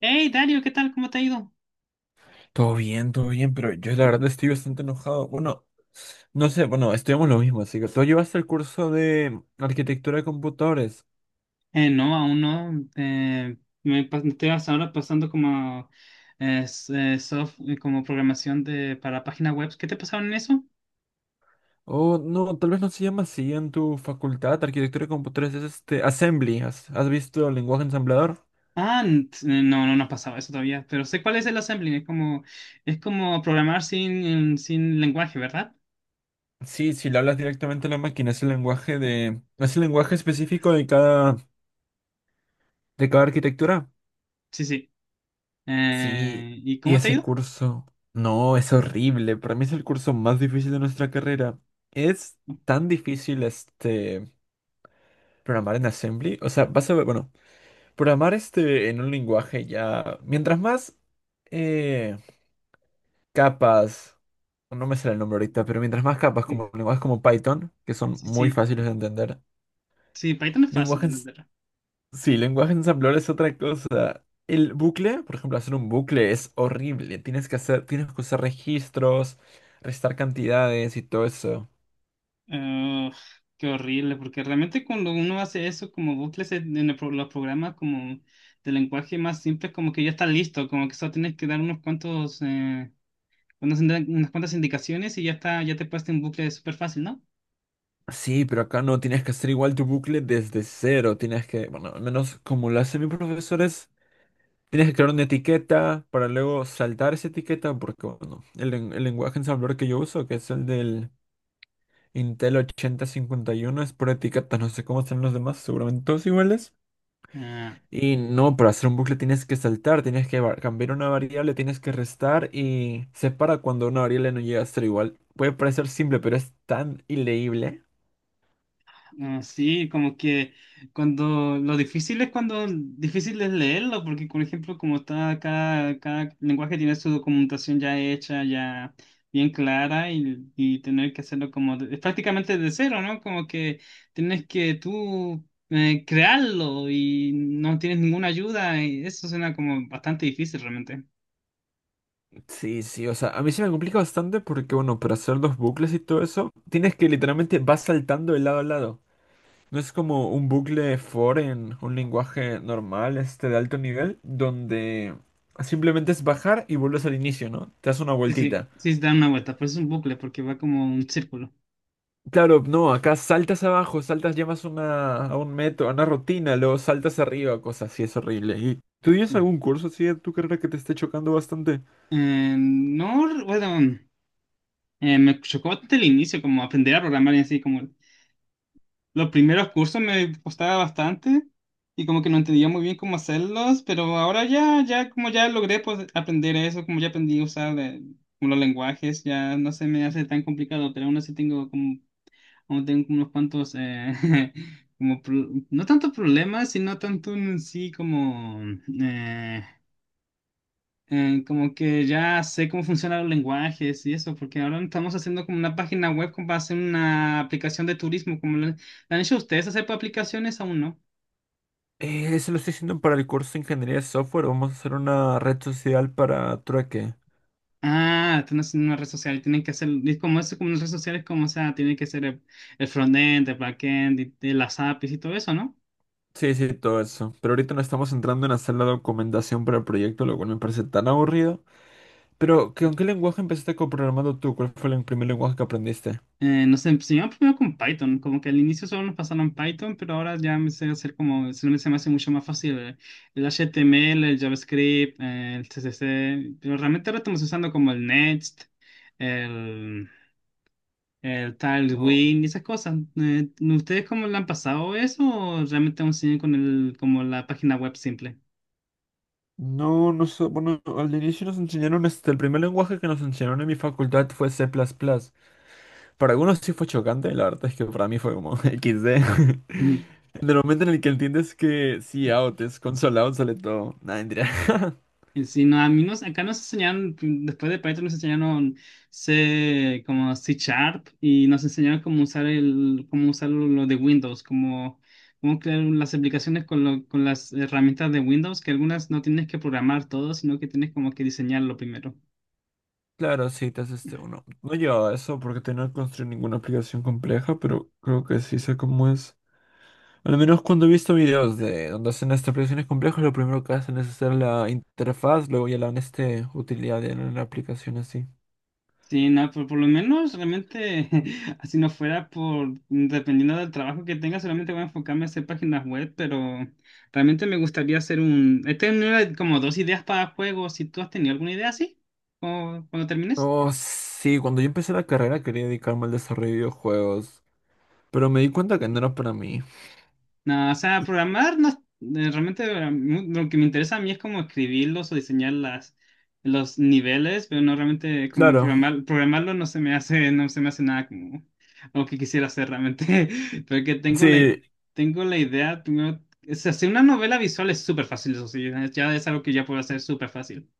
Hey, Dario, ¿qué tal? ¿Cómo te ha ido? Todo bien, pero yo la verdad estoy bastante enojado. Bueno, no sé, bueno, estudiamos lo mismo, así que tú llevaste el curso de arquitectura de computadores. No, aún no. Eh, Estoy hasta ahora pasando como, como programación de, para páginas web. ¿Qué te pasaron en eso? O no, tal vez no se llama así en tu facultad, arquitectura de computadores, es este, assembly. ¿Has visto el lenguaje ensamblador? No, no nos pasaba eso todavía, pero sé cuál es el assembly. Es como programar sin lenguaje, ¿verdad? Sí, si le hablas directamente a la máquina, es el lenguaje específico de cada arquitectura. Sí, sí. Sí, ¿Y y cómo te ha ese ido? curso, no, es horrible. Para mí es el curso más difícil de nuestra carrera. Es tan difícil este programar en Assembly. O sea, vas a ver, bueno, programar este en un lenguaje ya. Mientras más eh, capas, no me sale el nombre ahorita, pero mientras más capas como lenguajes como Python, que son Sí, muy sí. fáciles de entender, Sí, Python es fácil de lenguajes entender. Sí, lenguaje ensamblador es otra cosa. El bucle, por ejemplo, hacer un bucle es horrible. Tienes que usar registros, restar cantidades y todo eso. Ugh, qué horrible, porque realmente cuando uno hace eso, como bucles en los programas como de lenguaje más simple, como que ya está listo, como que solo tienes que dar unos cuantos, unas cuantas indicaciones y ya está, ya te puedes en bucle súper fácil, ¿no? Sí, pero acá no tienes que hacer igual tu bucle desde cero. Tienes que, bueno, al menos como lo hacen mis profesores, tienes que crear una etiqueta para luego saltar esa etiqueta, porque bueno, el, len- el lenguaje ensamblador que yo uso, que es el del Intel 8051, es por etiquetas. No sé cómo están los demás, seguramente todos iguales. Ah, Y no, para hacer un bucle tienes que saltar, cambiar una variable, tienes que restar y separa cuando una variable no llega a ser igual. Puede parecer simple, pero es tan ileíble. Ah, sí, como que cuando lo difícil es cuando difícil es leerlo, porque por ejemplo, como está cada lenguaje tiene su documentación ya hecha, ya bien clara, y tener que hacerlo es prácticamente de cero, ¿no? Como que tienes que tú crearlo y no tienes ninguna ayuda, y eso suena como bastante difícil realmente. Sí, sí, o sea, a mí se me complica bastante porque, bueno, para hacer los bucles y todo eso, tienes que literalmente vas saltando de lado a lado. No es como un bucle for en un lenguaje normal, este de alto nivel, donde simplemente es bajar y vuelves al inicio, ¿no? Te das una Sí, sí, vueltita. sí, se da una vuelta, pero es un bucle porque va como un círculo. Claro, no, acá saltas abajo, saltas, llamas una, a un metro, a una rutina, luego saltas arriba, cosas así, es horrible. ¿Y tú tienes Mm. algún curso así de tu carrera que te esté chocando bastante? No, bueno. Eh, me chocó bastante el inicio, como aprender a programar y así, como los primeros cursos me costaba bastante y como que no entendía muy bien cómo hacerlos, pero ahora ya como ya logré pues aprender eso, como ya aprendí a usar como los lenguajes, ya no se me hace tan complicado, pero aún así tengo como, aún tengo como unos cuantos, no tanto problemas, sino tanto en sí como... eh, como que ya sé cómo funcionan los lenguajes y eso, porque ahora estamos haciendo como una página web como para hacer una aplicación de turismo, como la han hecho ustedes hacer para aplicaciones aún no. Eso lo estoy haciendo para el curso de ingeniería de software, vamos a hacer una red social para trueque. Ah, están haciendo una red social, tienen que hacer, es como eso, como las redes sociales, como o sea, tienen que ser el frontend, el backend, y las APIs y todo eso, ¿no? Sí, sí, todo eso. Pero ahorita no estamos entrando en hacer la documentación para el proyecto, lo cual me parece tan aburrido. Pero, ¿con qué lenguaje empezaste coprogramando tú? ¿Cuál fue el primer lenguaje que aprendiste? Nos enseñaron primero con Python, como que al inicio solo nos pasaron Python, pero ahora ya me sé hacer como, se me hace mucho más fácil el HTML, el JavaScript, el CSS, pero realmente ahora estamos usando como el Next, el, el Tailwind y esas cosas. ¿Ustedes cómo le han pasado eso o realmente aún siguen con el, como la página web simple? No, no sé, bueno, al inicio nos enseñaron, este, el primer lenguaje que nos enseñaron en mi facultad fue C++. Para algunos sí fue chocante, la verdad es que para mí fue como XD. Ujú. En el momento en el que entiendes que sí, out es console out, sale todo. Nada, mentira. Sí, no, acá nos enseñaron, después de Python nos enseñaron C, como C Sharp y nos enseñaron cómo usar el, cómo usar lo de Windows, cómo, cómo crear las aplicaciones con, con las herramientas de Windows, que algunas no tienes que programar todo, sino que tienes como que diseñarlo primero. Claro, sí, te haces este uno. No llevaba eso porque tenía que construir ninguna aplicación compleja, pero creo que sí sé cómo es. Al menos cuando he visto videos de donde hacen estas aplicaciones complejas, lo primero que hacen es hacer la interfaz, luego ya la dan este utilidad en la aplicación así. Sí, no, por lo menos realmente, así no fuera por, dependiendo del trabajo que tenga, solamente voy a enfocarme a hacer páginas web, pero realmente me gustaría hacer un... He tenido como dos ideas para juegos, si tú has tenido alguna idea así, o cuando termines. Oh, sí, cuando yo empecé la carrera quería dedicarme al desarrollo de videojuegos, pero me di cuenta que no era para mí. No, o sea, programar no, realmente lo que me interesa a mí es como escribirlos o diseñar los niveles, pero no realmente como Claro, programar, programarlo no se me hace, no se me hace nada como lo que quisiera hacer realmente, porque tengo sí, tengo la idea, primero, o sea, hacer una novela visual es súper fácil, eso sí, ya es algo que ya puedo hacer súper fácil.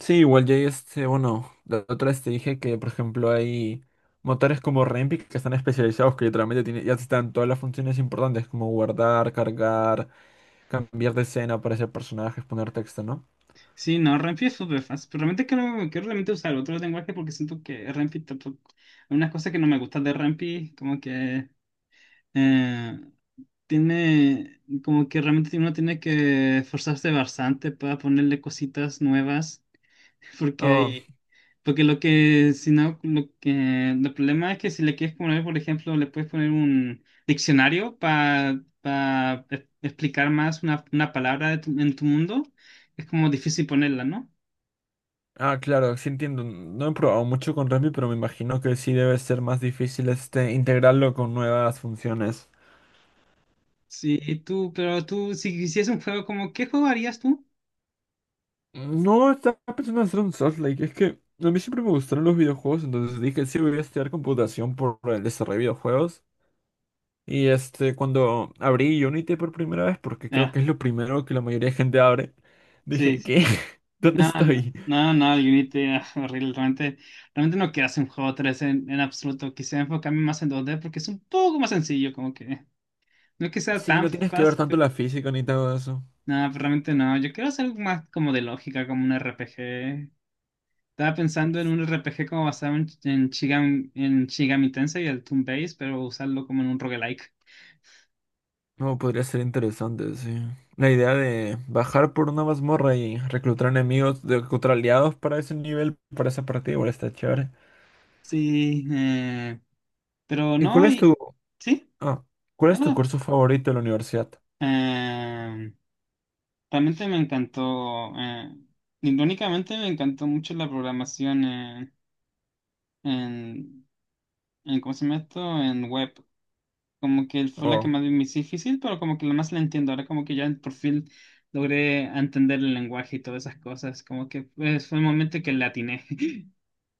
sí, igual ya hay este, bueno, la otra vez te dije que, por ejemplo, hay motores como Rempic que están especializados, que literalmente tiene, ya están todas las funciones importantes, como guardar, cargar, cambiar de escena, aparecer personajes, poner texto, ¿no? Sí, no, Renfi es súper fácil, pero realmente quiero realmente usar otro lenguaje porque siento que Renfi tampoco, hay unas cosas que no me gustan de Renfi, como que... Eh, Tiene, como que realmente uno tiene que esforzarse bastante para ponerle cositas nuevas, porque Oh, hay, porque lo que, si no, lo que, el problema es que si le quieres poner, por ejemplo, le puedes poner un diccionario para explicar más una palabra en tu mundo, es como difícil ponerla, ¿no? ah, claro, sí entiendo. No he probado mucho con Rempic, pero me imagino que sí debe ser más difícil este integrarlo con nuevas funciones. Sí, pero tú, si hicieras un juego, como, ¿qué juego harías tú? No estaba pensando en hacer un Souls-like. Es que a mí siempre me gustaron los videojuegos, entonces dije, sí, voy a estudiar computación por el desarrollo de videojuegos. Y este, cuando abrí Unity por primera vez, porque creo Ah, que es lo primero que la mayoría de gente abre, dije, sí, ¿qué? ¿Dónde Ah, No, estoy? no, no, el Unity ah, horrible. Realmente no quiero hacer un juego 3 en absoluto. Quisiera enfocarme más en dos d porque es un poco más sencillo, como que no que sea Sí, tan no tienes que ver fácil, tanto pero la física ni todo eso. no, pero realmente no. Yo quiero hacer algo más como de lógica, como un RPG. Estaba pensando en un RPG como basado Shigami, en Shigami Tensei y el Toon Base, pero usarlo como en un roguelike. No, podría ser interesante, sí. La idea de bajar por una mazmorra y reclutar enemigos, contra aliados para ese nivel, para esa partida, igual está chévere. Sí, pero ¿Y cuál no, es y tu sí, Ah, ¿cuál es tu no. curso favorito de la universidad? No. Realmente me encantó, irónicamente me encantó mucho la programación en, ¿cómo se llama esto? En web. Como que fue la que Oh, más me hizo difícil, pero como que la más la entiendo. Ahora como que ya por fin logré entender el lenguaje y todas esas cosas. Como que pues, fue el momento que le atiné.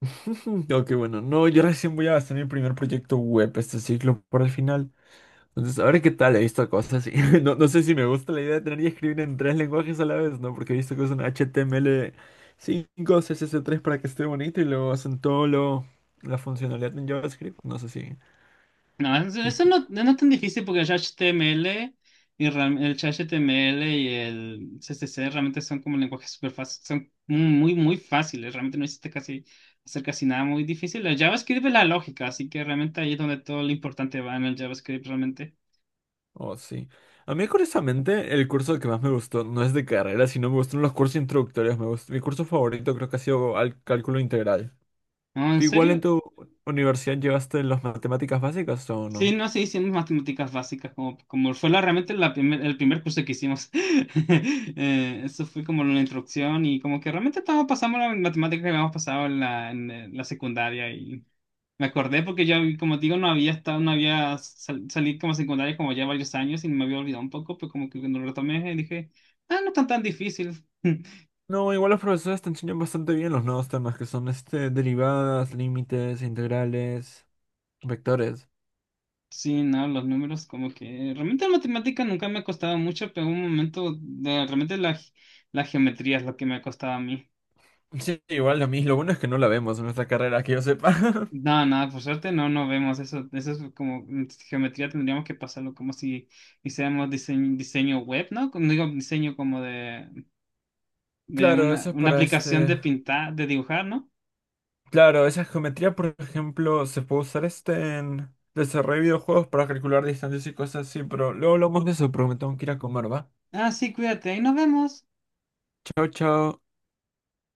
ok, bueno, no, yo recién voy a hacer mi primer proyecto web este ciclo por el final. Entonces, a ver qué tal, he visto cosas y no, no sé si me gusta la idea de tener que escribir en tres lenguajes a la vez, ¿no? Porque he visto que usan HTML5, CSS3 para que esté bonito y luego hacen la funcionalidad en JavaScript. No sé si... No, eso no, no es no tan difícil porque el HTML y el HTML y el CSS realmente son como lenguajes súper fáciles, son muy, muy fáciles, realmente no existe casi hacer casi nada muy difícil. El JavaScript es la lógica, así que realmente ahí es donde todo lo importante va en el JavaScript realmente. Oh, sí. A mí, curiosamente, el curso que más me gustó no es de carrera, sino me gustaron los cursos introductorios. Mi curso favorito creo que ha sido cálculo integral. No, en ¿Tú igual en serio, tu universidad llevaste las matemáticas básicas o sí, no? no, sí hicimos matemáticas básicas, como, como fue la, realmente el primer curso que hicimos. Eso fue como la introducción y como que realmente todos pasamos las matemáticas que habíamos pasado en en, la secundaria. Me acordé porque yo, como te digo, no había estado, no había sal- salí como secundaria como ya varios años y me había olvidado un poco, pero como que cuando lo retomé dije, ah, no están tan difícil. No, igual los profesores te enseñan bastante bien los nuevos temas que son este, derivadas, límites, integrales, vectores. Sí, no, los números como que realmente la matemática nunca me ha costado mucho, pero en un momento realmente la geometría es lo que me ha costado a mí. Sí, igual a mí lo bueno es que no la vemos en nuestra carrera, que yo sepa. No, nada, por suerte no, no vemos eso. Eso es como mm, geometría tendríamos que pasarlo como si hiciéramos diseño, diseño web, ¿no? Como digo, diseño como de Claro, eso es una para aplicación este... de pintar, de dibujar, ¿no? Claro, esa geometría, por ejemplo, se puede usar este en desarrollo de videojuegos para calcular distancias y cosas así, pero luego hablamos de eso, porque me tengo que ir a comer, ¿va? Ah, sí, cuídate, ahí nos vemos. Chao, chao.